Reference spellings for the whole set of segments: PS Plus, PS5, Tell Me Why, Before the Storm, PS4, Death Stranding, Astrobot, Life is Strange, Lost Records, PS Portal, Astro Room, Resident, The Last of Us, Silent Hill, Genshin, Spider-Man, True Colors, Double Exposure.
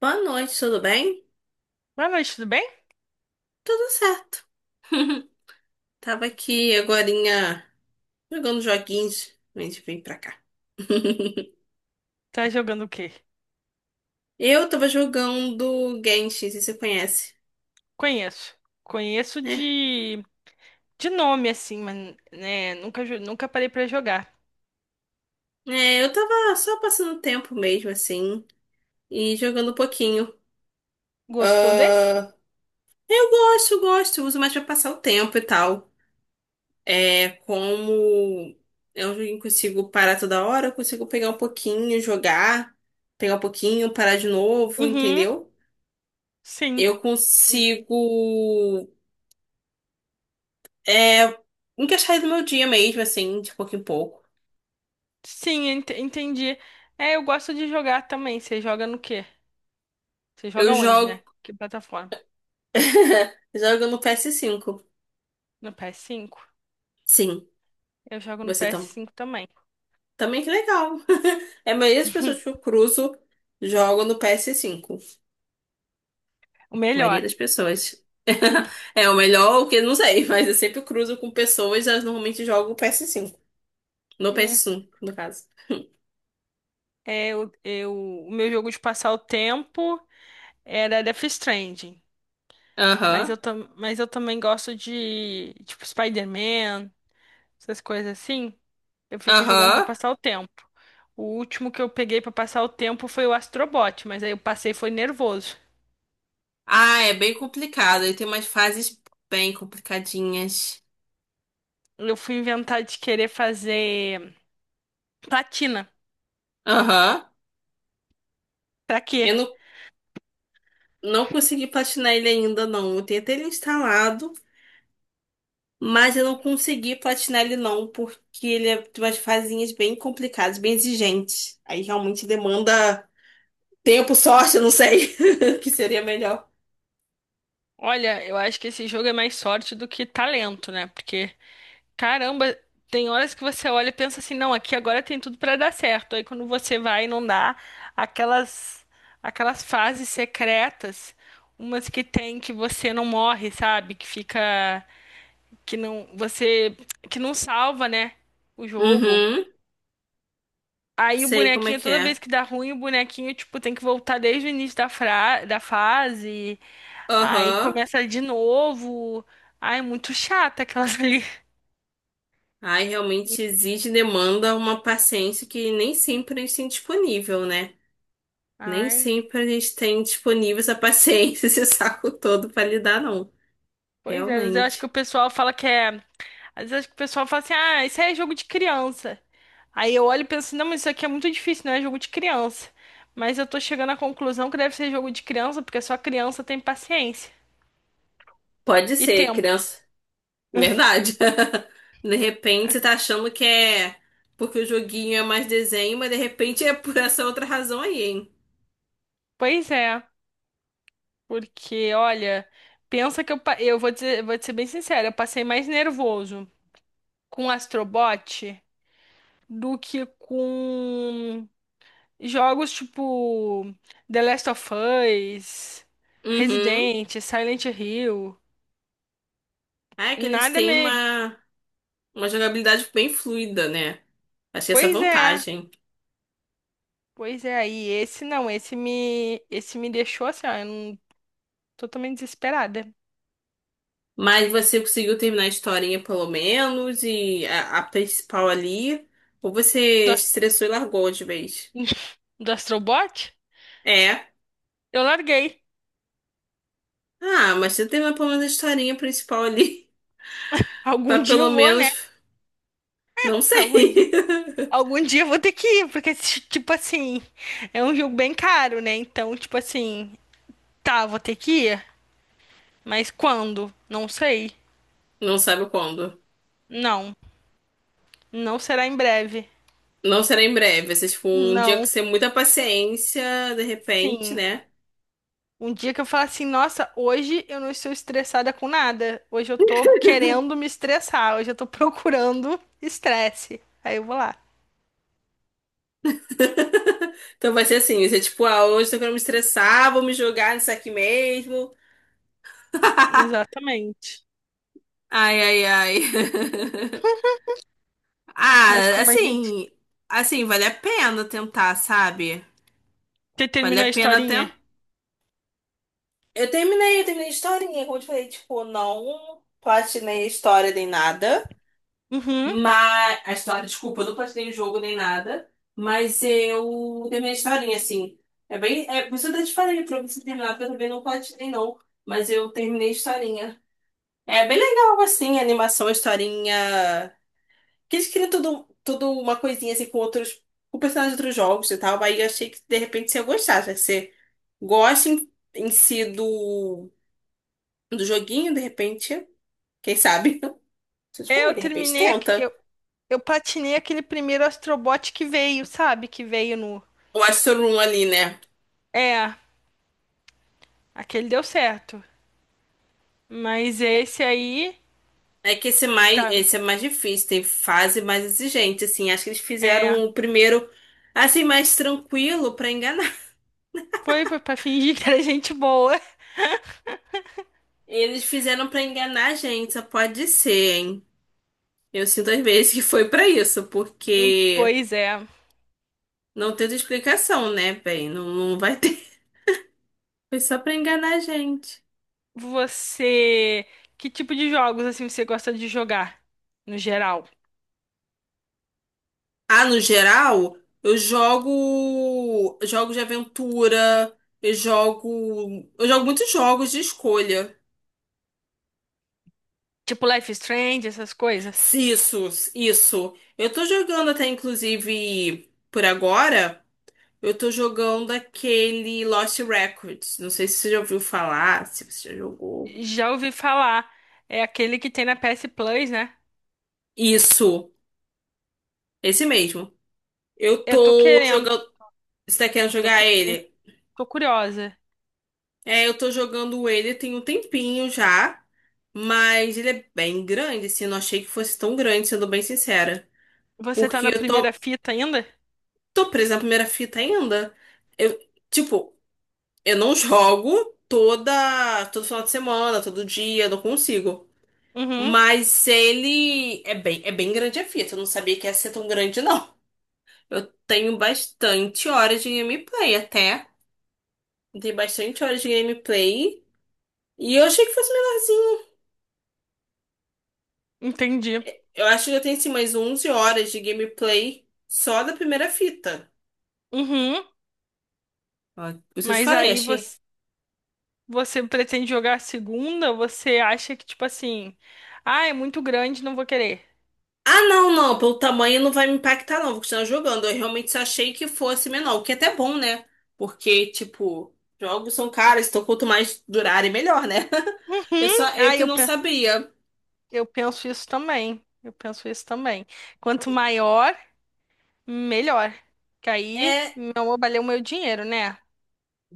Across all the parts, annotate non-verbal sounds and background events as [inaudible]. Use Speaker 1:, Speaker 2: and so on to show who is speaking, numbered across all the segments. Speaker 1: Boa noite, tudo bem?
Speaker 2: Boa noite, tudo bem?
Speaker 1: Tudo certo. Tava aqui agorinha jogando joguinhos antes de vir pra cá. [laughs]
Speaker 2: Tá jogando o quê?
Speaker 1: Eu tava jogando Genshin, se você conhece,
Speaker 2: Conheço. Conheço
Speaker 1: né?
Speaker 2: de nome, assim, mas né, nunca parei pra jogar.
Speaker 1: É, eu tava só passando tempo mesmo, assim, e jogando um pouquinho.
Speaker 2: Gostou desse?
Speaker 1: Ah, eu gosto, gosto, uso mais pra passar o tempo e tal. É, como é um joguinho que consigo parar toda hora, eu consigo pegar um pouquinho, jogar, pegar um pouquinho, parar de novo,
Speaker 2: Uhum,
Speaker 1: entendeu?
Speaker 2: sim.
Speaker 1: Eu consigo é, encaixar ele no meu dia mesmo, assim, de pouco em pouco.
Speaker 2: Sim, entendi. É, eu gosto de jogar também. Você joga no quê? Você
Speaker 1: Eu
Speaker 2: joga onde,
Speaker 1: jogo.
Speaker 2: né? Que plataforma?
Speaker 1: [laughs] Jogo no PS5.
Speaker 2: No PS5.
Speaker 1: Sim,
Speaker 2: Eu jogo no
Speaker 1: você
Speaker 2: ps
Speaker 1: tam...
Speaker 2: cinco também.
Speaker 1: também que legal. [laughs] É a maioria das pessoas que eu
Speaker 2: [laughs]
Speaker 1: cruzo jogam no PS5.
Speaker 2: O
Speaker 1: A maioria
Speaker 2: melhor.
Speaker 1: das pessoas. [laughs] É o melhor, o que eu não sei, [laughs] mas eu sempre cruzo com pessoas, elas normalmente jogam o PS5. No
Speaker 2: É.
Speaker 1: PS5, no caso.
Speaker 2: É, o meu jogo de passar o tempo era Death Stranding. Mas eu,
Speaker 1: Aham,
Speaker 2: tam, mas eu também gosto de, tipo, Spider-Man, essas coisas assim. Eu fico jogando pra
Speaker 1: aham.
Speaker 2: passar o tempo. O último que eu peguei pra passar o tempo foi o Astrobot, mas aí eu passei e foi nervoso.
Speaker 1: Ah, é bem complicado. Ele tem umas fases bem complicadinhas.
Speaker 2: Eu fui inventar de querer fazer platina.
Speaker 1: Aham.
Speaker 2: Pra
Speaker 1: Eu
Speaker 2: quê?
Speaker 1: não, não consegui platinar ele ainda, não. Eu tenho até ele instalado, mas eu não consegui platinar ele, não, porque ele é de umas fazinhas bem complicadas, bem exigentes. Aí realmente demanda tempo, sorte, eu não sei, [laughs] que seria melhor.
Speaker 2: Olha, eu acho que esse jogo é mais sorte do que talento, né? Porque caramba, tem horas que você olha e pensa assim, não, aqui agora tem tudo pra dar certo. Aí quando você vai e não dá, aquelas aquelas fases secretas, umas que tem que você não morre, sabe? Que fica que não você que não salva, né? O jogo.
Speaker 1: Uhum.
Speaker 2: Aí o
Speaker 1: Sei como é
Speaker 2: bonequinho,
Speaker 1: que
Speaker 2: toda vez
Speaker 1: é.
Speaker 2: que dá ruim, o bonequinho, tipo, tem que voltar desde o início da fase. Aí
Speaker 1: Aham.
Speaker 2: começa de novo. Ai, muito chata aquelas ali.
Speaker 1: Aí realmente
Speaker 2: [laughs]
Speaker 1: exige e demanda uma paciência que nem sempre a gente tem disponível, né? Nem
Speaker 2: Ai.
Speaker 1: sempre a gente tem disponível essa paciência, [laughs] esse saco todo pra lidar, não.
Speaker 2: Pois é, às vezes eu acho que o
Speaker 1: Realmente.
Speaker 2: pessoal fala que é. Às vezes eu acho que o pessoal fala assim, ah, isso aí é jogo de criança. Aí eu olho e penso, não, mas isso aqui é muito difícil, não é jogo de criança. Mas eu tô chegando à conclusão que deve ser jogo de criança, porque só criança tem paciência
Speaker 1: Pode
Speaker 2: e
Speaker 1: ser,
Speaker 2: tempo.
Speaker 1: criança. Verdade. [laughs] De repente você tá achando que é porque o joguinho é mais desenho, mas de repente é por essa outra razão aí, hein?
Speaker 2: Pois é, porque, olha, pensa que eu vou dizer, vou te ser bem sincera, eu passei mais nervoso com o Astrobot do que com jogos tipo The Last of Us,
Speaker 1: Uhum.
Speaker 2: Resident, Silent Hill,
Speaker 1: Ah, é que
Speaker 2: nada me.
Speaker 1: uma jogabilidade bem fluida, né? Achei essa
Speaker 2: Pois é,
Speaker 1: vantagem.
Speaker 2: pois é, aí esse não, esse me deixou assim, ó, eu não- totalmente desesperada.
Speaker 1: Mas você conseguiu terminar a historinha pelo menos e a principal ali? Ou
Speaker 2: Do,
Speaker 1: você se
Speaker 2: Ast-
Speaker 1: estressou e largou de vez?
Speaker 2: [laughs] do Astrobot?
Speaker 1: É.
Speaker 2: Eu larguei.
Speaker 1: Ah, mas você terminou pelo menos a historinha principal ali. [laughs]
Speaker 2: Algum
Speaker 1: Pra
Speaker 2: dia
Speaker 1: pelo
Speaker 2: eu vou, né?
Speaker 1: menos. Não
Speaker 2: Algum dia,
Speaker 1: sei. [laughs]
Speaker 2: algum dia eu vou ter que ir, porque, tipo assim, é um jogo bem caro, né? Então, tipo assim, tá, vou ter que ir, mas quando? Não sei.
Speaker 1: Não sabe quando.
Speaker 2: Não. Não será em breve.
Speaker 1: Não será em breve, vai ser tipo um dia que
Speaker 2: Não.
Speaker 1: você tem muita paciência, de repente,
Speaker 2: Sim.
Speaker 1: né?
Speaker 2: Um dia que eu falar assim, nossa, hoje eu não estou estressada com nada. Hoje eu tô querendo me estressar. Hoje eu tô procurando estresse. Aí eu vou lá.
Speaker 1: [laughs] Então vai ser assim, vai ser tipo, ah, hoje tô querendo me estressar, vou me jogar nisso aqui mesmo. [laughs]
Speaker 2: Exatamente.
Speaker 1: Ai, ai, ai. [laughs]
Speaker 2: Mas
Speaker 1: Ah,
Speaker 2: como a gente.
Speaker 1: assim, assim, vale a pena tentar, sabe?
Speaker 2: Você
Speaker 1: Vale
Speaker 2: terminou
Speaker 1: a
Speaker 2: a
Speaker 1: pena tentar.
Speaker 2: historinha?
Speaker 1: Eu terminei a historinha, como eu te falei, tipo, não platinei a história nem nada.
Speaker 2: Uhum.
Speaker 1: Mas a história, desculpa, eu não platinei o jogo nem nada, mas eu terminei a historinha, assim. É bem. É, por isso eu até te falei pra você terminar, porque eu também não platinei, não. Mas eu terminei a historinha. É bem legal, assim, a animação, a historinha. Que eles criam tudo, tudo uma coisinha assim com outros. Com personagens de outros jogos e tal. Aí eu achei que de repente você ia gostar, já que você gosta em si do joguinho, de repente. Quem sabe? [laughs] Vocês falam
Speaker 2: Eu
Speaker 1: aí, de repente
Speaker 2: terminei. aqu- Eu,
Speaker 1: tenta.
Speaker 2: eu platinei aquele primeiro Astrobot que veio, sabe? Que veio no.
Speaker 1: O Astro Room ali, né?
Speaker 2: É, aquele deu certo. Mas esse aí.
Speaker 1: É que esse,
Speaker 2: Tá.
Speaker 1: esse é mais difícil, tem fase mais exigente, assim. Acho que eles
Speaker 2: É.
Speaker 1: fizeram o primeiro, assim, mais tranquilo pra enganar. [laughs]
Speaker 2: Foi pra fingir que era gente boa.
Speaker 1: Eles fizeram pra enganar a gente, só pode ser, hein? Eu sinto às vezes que foi pra isso, porque
Speaker 2: Pois é.
Speaker 1: não teve explicação, né, bem? Não vai ter. [laughs] Foi só pra enganar a gente.
Speaker 2: Você, que tipo de jogos assim você gosta de jogar no geral?
Speaker 1: Ah, no geral, eu jogo jogos de aventura, eu jogo muitos jogos de escolha.
Speaker 2: Tipo Life is Strange, essas coisas?
Speaker 1: Se Isso, isso. Eu tô jogando até, inclusive, por agora, eu tô jogando aquele Lost Records. Não sei se você já ouviu falar, se você já jogou.
Speaker 2: Já ouvi falar, é aquele que tem na PS Plus, né?
Speaker 1: Isso, esse mesmo. Eu
Speaker 2: Eu tô
Speaker 1: tô
Speaker 2: querendo,
Speaker 1: jogando. Você tá querendo
Speaker 2: tô
Speaker 1: jogar
Speaker 2: pensando,
Speaker 1: ele?
Speaker 2: tô curiosa.
Speaker 1: É, eu tô jogando ele tem um tempinho já, mas ele é bem grande, assim. Eu não achei que fosse tão grande, sendo bem sincera.
Speaker 2: Você tá
Speaker 1: Porque
Speaker 2: na
Speaker 1: eu
Speaker 2: primeira
Speaker 1: tô,
Speaker 2: fita ainda?
Speaker 1: tô presa na primeira fita ainda. Eu, tipo. Eu não jogo todo final de semana, todo dia, não consigo.
Speaker 2: Uhum,
Speaker 1: Mas ele é é bem grande a fita. Eu não sabia que ia ser tão grande, não. Eu tenho bastante horas de gameplay até. Eu tenho bastante horas de gameplay. E eu achei que fosse menorzinho.
Speaker 2: entendi.
Speaker 1: Eu acho que eu tenho assim mais 11 horas de gameplay só da primeira fita.
Speaker 2: Uhum,
Speaker 1: Ó, por isso eu te
Speaker 2: mas
Speaker 1: falei,
Speaker 2: aí
Speaker 1: achei.
Speaker 2: você pretende jogar a segunda? Você acha que tipo assim, ah, é muito grande, não vou querer.
Speaker 1: Ah, não, pelo tamanho não vai me impactar, não. Vou continuar jogando. Eu realmente achei que fosse menor, o que é até bom, né? Porque, tipo, jogos são caros, então quanto mais durarem, melhor, né? [laughs] Eu só,
Speaker 2: Uhum.
Speaker 1: eu
Speaker 2: Ah,
Speaker 1: que
Speaker 2: eu,
Speaker 1: não
Speaker 2: pe-
Speaker 1: sabia.
Speaker 2: Eu penso isso também. Eu penso isso também. Quanto maior, melhor. Que aí
Speaker 1: É,
Speaker 2: não valeu o meu dinheiro, né?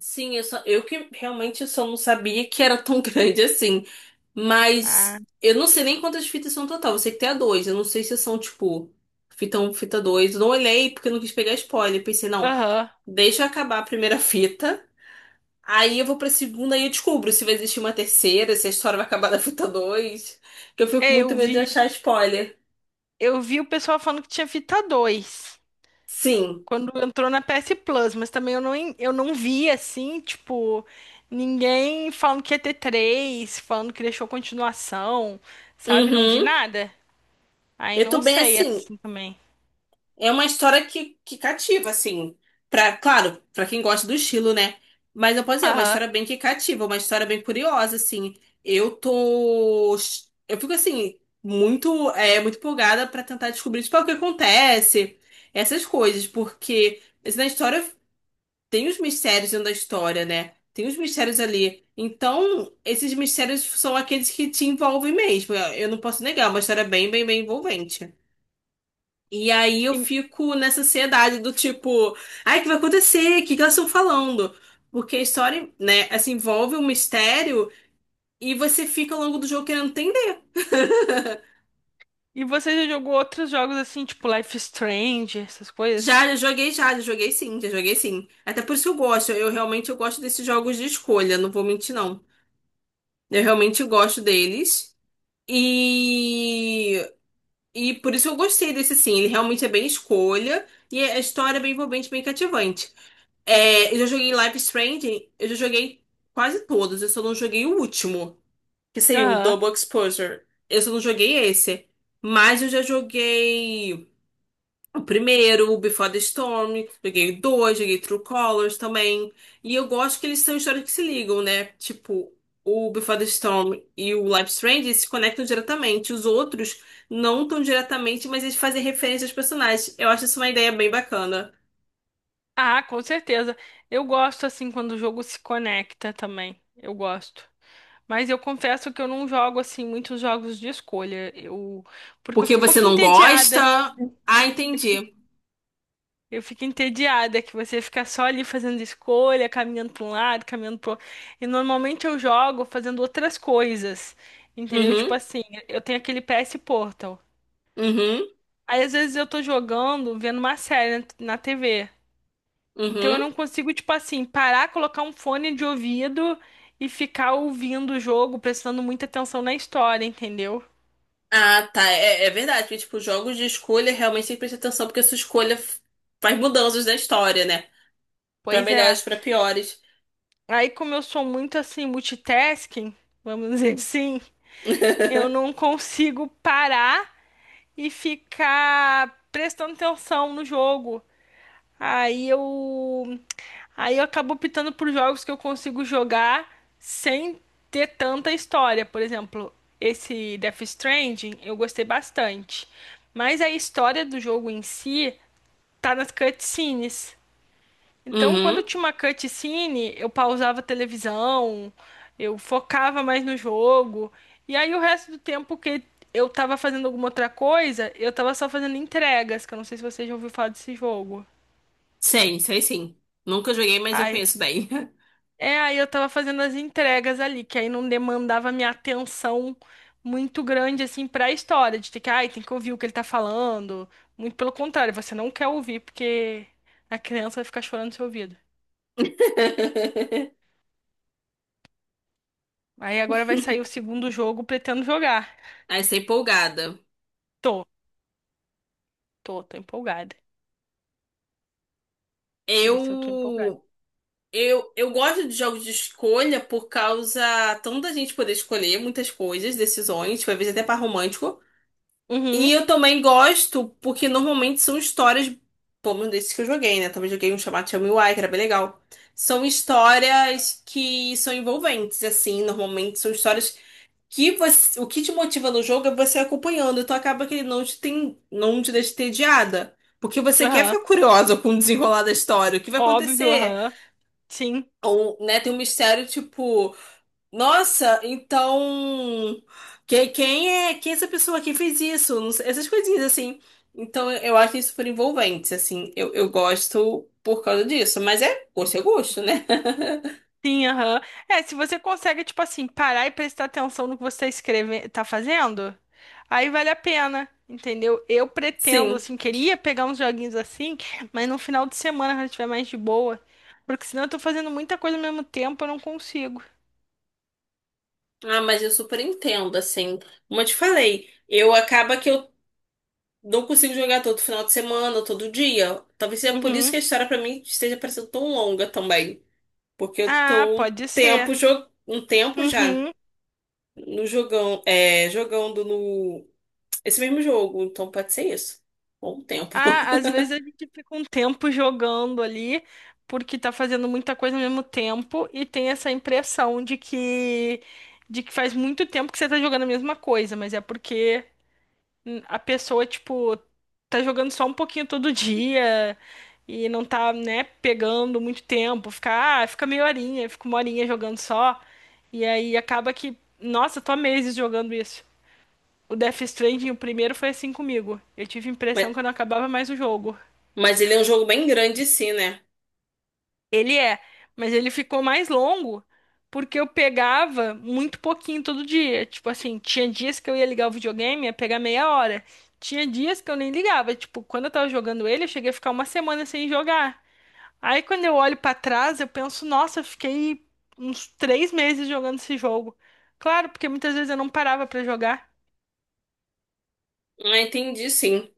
Speaker 1: sim, eu só, eu que realmente só não sabia que era tão [laughs] grande assim.
Speaker 2: Ah,
Speaker 1: Mas eu não sei nem quantas fitas são no total. Eu sei que tem a dois. Eu não sei se são, tipo, fita um, fita 2. Eu não olhei porque eu não quis pegar spoiler. Pensei, não,
Speaker 2: aham.
Speaker 1: deixa eu acabar a primeira [laughs] fita. Aí eu vou pra segunda e eu descubro se vai existir uma terceira, se a história vai acabar na fita dois. Que eu fico com
Speaker 2: É, eu
Speaker 1: muito medo de
Speaker 2: vi,
Speaker 1: achar spoiler.
Speaker 2: eu vi o pessoal falando que tinha Vita 2
Speaker 1: Sim.
Speaker 2: quando entrou na PS Plus, mas também eu não vi assim, tipo, ninguém falando que ia ter 3, falando que deixou continuação, sabe? Não vi
Speaker 1: Uhum.
Speaker 2: nada. Aí
Speaker 1: Eu tô
Speaker 2: não
Speaker 1: bem
Speaker 2: sei
Speaker 1: assim.
Speaker 2: assim também.
Speaker 1: É uma história que cativa, assim. Pra, claro, pra quem gosta do estilo, né? Mas eu posso dizer, é uma
Speaker 2: Aham.
Speaker 1: história bem que cativa, uma história bem curiosa, assim. Eu tô. Eu fico assim, muito, muito empolgada pra tentar descobrir, tipo, ah, o que acontece, essas coisas, porque. Assim, na história tem os mistérios dentro da história, né? Tem os mistérios ali. Então, esses mistérios são aqueles que te envolvem mesmo. Eu não posso negar, é uma história bem envolvente. E aí eu fico nessa ansiedade do tipo, ai, o que vai acontecer? O que que elas estão falando? Porque a história, né, assim, envolve um mistério e você fica ao longo do jogo querendo entender. [laughs]
Speaker 2: E você já jogou outros jogos assim, tipo Life is Strange, essas coisas?
Speaker 1: Já joguei sim, já joguei sim. Até por isso que eu gosto. Eu realmente eu gosto desses jogos de escolha, não vou mentir, não. Eu realmente gosto deles. E, e por isso eu gostei desse sim. Ele realmente é bem escolha. E a história é bem envolvente, bem cativante. É, eu já joguei Life is Strange, eu já joguei quase todos. Eu só não joguei o último, que saiu o
Speaker 2: Aham.
Speaker 1: Double Exposure. Eu só não joguei esse. Mas eu já joguei. O primeiro, o Before the Storm, joguei o dois, joguei True Colors também. E eu gosto que eles são histórias que se ligam, né? Tipo, o Before the Storm e o Life is Strange se conectam diretamente. Os outros não tão diretamente, mas eles fazem referência aos personagens. Eu acho isso uma ideia bem bacana.
Speaker 2: Ah, com certeza. Eu gosto assim quando o jogo se conecta também. Eu gosto. Mas eu confesso que eu não jogo assim muitos jogos de escolha. Eu porque eu
Speaker 1: Porque
Speaker 2: fico um
Speaker 1: você
Speaker 2: pouquinho
Speaker 1: não
Speaker 2: entediada.
Speaker 1: gosta? Ah,
Speaker 2: Eu fico,
Speaker 1: entendi.
Speaker 2: eu fico entediada que você fica só ali fazendo escolha, caminhando para um lado, caminhando pro outro. E normalmente eu jogo fazendo outras coisas. Entendeu? Tipo
Speaker 1: Uhum,
Speaker 2: assim, eu tenho aquele PS Portal.
Speaker 1: uhum,
Speaker 2: Aí às vezes eu tô jogando, vendo uma série na TV. Então eu
Speaker 1: uhum.
Speaker 2: não consigo, tipo assim, parar, colocar um fone de ouvido e ficar ouvindo o jogo, prestando muita atenção na história, entendeu?
Speaker 1: Ah, tá. É, é verdade. Porque, tipo, jogos de escolha realmente tem que prestar atenção, porque a sua faz mudanças na história, né? Pra
Speaker 2: Pois é.
Speaker 1: melhores, pra piores.
Speaker 2: Aí como eu sou muito assim, multitasking, vamos dizer assim, eu
Speaker 1: [laughs]
Speaker 2: não consigo parar e ficar prestando atenção no jogo. Aí eu aí eu acabo optando por jogos que eu consigo jogar sem ter tanta história. Por exemplo, esse Death Stranding eu gostei bastante. Mas a história do jogo em si tá nas cutscenes. Então, quando
Speaker 1: Uhum.
Speaker 2: tinha uma cutscene, eu pausava a televisão, eu focava mais no jogo. E aí o resto do tempo que eu tava fazendo alguma outra coisa, eu tava só fazendo entregas, que eu não sei se você já ouviu falar desse jogo.
Speaker 1: Sei, sei sim. Nunca joguei, mas eu
Speaker 2: Ai
Speaker 1: conheço bem.
Speaker 2: É, aí eu tava fazendo as entregas ali, que aí não demandava minha atenção muito grande, assim, pra história, de ter que, ai, tem que ouvir o que ele tá falando. Muito pelo contrário, você não quer ouvir, porque a criança vai ficar chorando no seu ouvido.
Speaker 1: [laughs]
Speaker 2: Aí agora vai sair o segundo jogo, pretendo jogar.
Speaker 1: Aí sei empolgada.
Speaker 2: Tô, tô empolgada. Esse eu tô empolgada.
Speaker 1: Eu, eu gosto de jogos de escolha por causa tanto da gente poder escolher muitas coisas, decisões, tipo, às vezes até par romântico. E
Speaker 2: Uhum,
Speaker 1: eu também gosto porque normalmente são histórias, pelo menos desses que eu joguei, né? Também joguei um chamado Tell Me Why, que era bem legal. São histórias que são envolventes, assim, normalmente são histórias que o que te motiva no jogo é você acompanhando, então acaba que ele não te tem, não te deixa entediada. Porque você quer
Speaker 2: aham,
Speaker 1: ficar curiosa com o desenrolar da história, o que vai
Speaker 2: óbvio,
Speaker 1: acontecer?
Speaker 2: aham, sim.
Speaker 1: Ou, né, tem um mistério tipo, nossa, então quem é essa pessoa? Quem fez isso? Não sei, essas coisinhas assim. Então eu acho isso super envolvente, assim, eu gosto por causa disso, mas é gosto, né? [laughs]
Speaker 2: Sim, aham. É, se você consegue, tipo assim, parar e prestar atenção no que você tá fazendo, aí vale a pena, entendeu? Eu pretendo,
Speaker 1: Sim.
Speaker 2: assim, queria pegar uns joguinhos assim, mas no final de semana, quando eu estiver mais de boa, porque senão eu tô fazendo muita coisa ao mesmo tempo, eu não consigo.
Speaker 1: Ah, mas eu super entendo, assim. Como eu te falei, eu acaba que eu não consigo jogar todo final de semana, todo dia. Talvez seja por isso que
Speaker 2: Uhum.
Speaker 1: a história pra mim esteja parecendo tão longa também. Porque eu
Speaker 2: Ah,
Speaker 1: tô
Speaker 2: pode ser.
Speaker 1: um tempo já
Speaker 2: Uhum.
Speaker 1: no jogão, jogando no esse mesmo jogo, então pode ser isso. Bom tempo.
Speaker 2: Ah,
Speaker 1: [laughs]
Speaker 2: às vezes a gente fica um tempo jogando ali, porque tá fazendo muita coisa ao mesmo tempo e tem essa impressão de que faz muito tempo que você tá jogando a mesma coisa, mas é porque a pessoa, tipo, tá jogando só um pouquinho todo dia e não tá, né, pegando muito tempo, fica meia horinha, fica uma horinha jogando só. E aí acaba que, nossa, tô há meses jogando isso. O Death Stranding, o primeiro foi assim comigo. Eu tive a
Speaker 1: Mas,
Speaker 2: impressão que eu não acabava mais o jogo.
Speaker 1: mas ele é um jogo bem grande, sim, né?
Speaker 2: Ele é, mas ele ficou mais longo porque eu pegava muito pouquinho todo dia. Tipo assim, tinha dias que eu ia ligar o videogame, ia pegar meia hora. Tinha dias que eu nem ligava. Tipo, quando eu tava jogando ele, eu cheguei a ficar uma semana sem jogar. Aí quando eu olho pra trás, eu penso, nossa, eu fiquei uns 3 meses jogando esse jogo. Claro, porque muitas vezes eu não parava pra jogar.
Speaker 1: Ah, entendi, sim.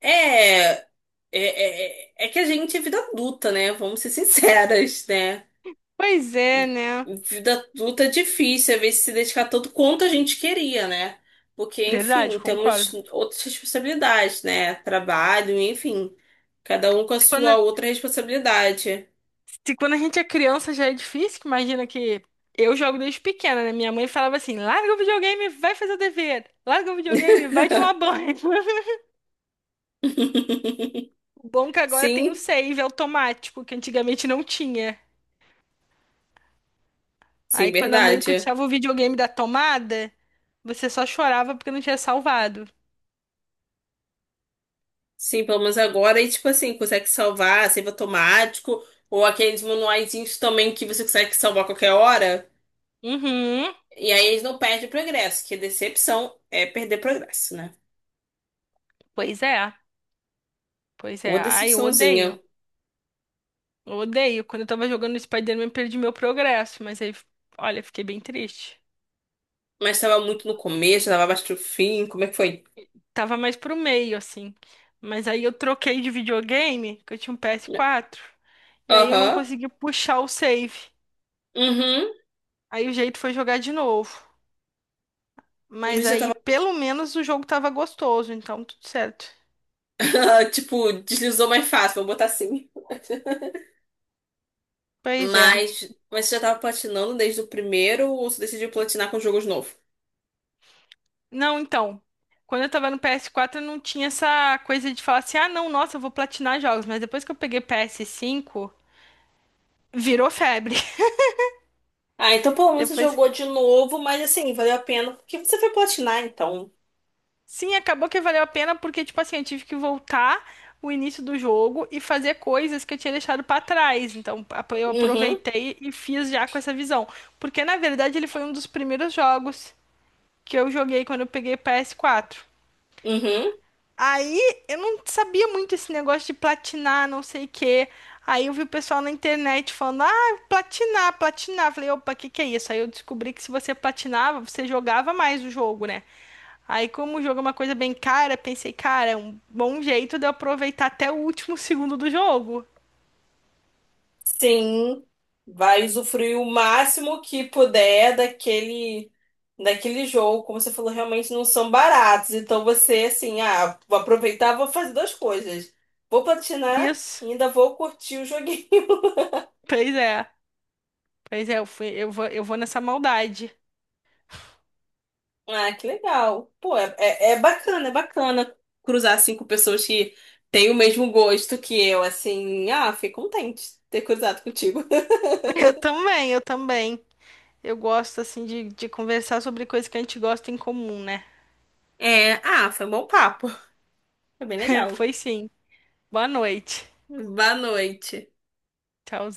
Speaker 1: É, é, é, é que a gente é vida adulta, né? Vamos ser sinceras, né?
Speaker 2: Pois é, né?
Speaker 1: Vida adulta é difícil, às vezes se dedicar tanto quanto a gente queria, né? Porque,
Speaker 2: Verdade,
Speaker 1: enfim, temos
Speaker 2: concordo.
Speaker 1: outras responsabilidades, né? Trabalho, enfim, cada um com a sua outra responsabilidade.
Speaker 2: Se quando a gente é criança já é difícil, que imagina que eu jogo desde pequena, né? Minha mãe falava assim: larga o videogame, vai fazer o dever. Larga o videogame, vai tomar banho. [laughs]
Speaker 1: [laughs]
Speaker 2: O bom é que agora tem o
Speaker 1: Sim,
Speaker 2: save automático, que antigamente não tinha.
Speaker 1: sim,
Speaker 2: Aí quando a mãe
Speaker 1: verdade.
Speaker 2: puxava o videogame da tomada, você só chorava porque não tinha salvado.
Speaker 1: Sim, pelo menos agora, e tipo assim, consegue salvar, save automático, ou aqueles manuaizinhos também que você consegue salvar a qualquer hora,
Speaker 2: Uhum.
Speaker 1: e aí eles não perdem progresso, que decepção é perder progresso, né?
Speaker 2: Pois é. Pois
Speaker 1: Ou
Speaker 2: é. Ai, eu
Speaker 1: decepçãozinha.
Speaker 2: odeio. Eu odeio. Quando eu tava jogando Spider-Man, perdi meu progresso, mas aí, olha, fiquei bem triste.
Speaker 1: Mas tava muito no começo, tava bastante o fim, como é que foi?
Speaker 2: Tava mais pro meio, assim. Mas aí eu troquei de videogame, que eu tinha um PS4. E aí eu não
Speaker 1: Aham.
Speaker 2: consegui puxar o save.
Speaker 1: Uhum.
Speaker 2: Aí o jeito foi jogar de novo.
Speaker 1: Em
Speaker 2: Mas
Speaker 1: vez de eu
Speaker 2: aí,
Speaker 1: tava.
Speaker 2: pelo menos, o jogo tava gostoso, então tudo certo.
Speaker 1: [laughs] Tipo, deslizou mais fácil, vou botar assim.
Speaker 2: Pois é.
Speaker 1: Mas, mas você já tava platinando desde o primeiro ou você decidiu platinar com jogos novos?
Speaker 2: Não, então. Quando eu tava no PS4 eu não tinha essa coisa de falar assim: ah, não, nossa, eu vou platinar jogos. Mas depois que eu peguei PS5, virou febre.
Speaker 1: Ah, então pelo
Speaker 2: [laughs]
Speaker 1: menos você
Speaker 2: Depois
Speaker 1: jogou de novo, mas assim, valeu a pena, porque você foi platinar, então.
Speaker 2: Sim, acabou que valeu a pena porque, tipo assim, eu tive que voltar o início do jogo e fazer coisas que eu tinha deixado pra trás. Então, eu
Speaker 1: Uhum,
Speaker 2: aproveitei e fiz já com essa visão. Porque, na verdade, ele foi um dos primeiros jogos que eu joguei quando eu peguei PS4.
Speaker 1: uhum.
Speaker 2: Aí, eu não sabia muito esse negócio de platinar, não sei o quê. Aí eu vi o pessoal na internet falando, ah, platinar, platinar. Falei, opa, o que que é isso? Aí eu descobri que se você platinava, você jogava mais o jogo, né? Aí, como o jogo é uma coisa bem cara, pensei, cara, é um bom jeito de eu aproveitar até o último segundo do jogo.
Speaker 1: Sim, vai usufruir o máximo que puder daquele jogo, como você falou, realmente não são baratos. Então você assim, ah, vou aproveitar, vou fazer duas coisas. Vou platinar
Speaker 2: Isso.
Speaker 1: e ainda vou curtir o joguinho. [laughs]
Speaker 2: Pois é. Pois é, eu vou nessa maldade.
Speaker 1: Ah, que legal. Pô, é bacana cruzar assim com pessoas que têm o mesmo gosto que eu, assim. Ah, fiquei contente de ter cruzado contigo.
Speaker 2: [laughs] Eu também, eu também. Eu gosto, assim, de conversar sobre coisas que a gente gosta em comum, né?
Speaker 1: [laughs] É, ah, foi um bom papo. Foi bem
Speaker 2: [laughs]
Speaker 1: legal.
Speaker 2: Foi sim. Boa noite.
Speaker 1: Boa noite.
Speaker 2: Tchau.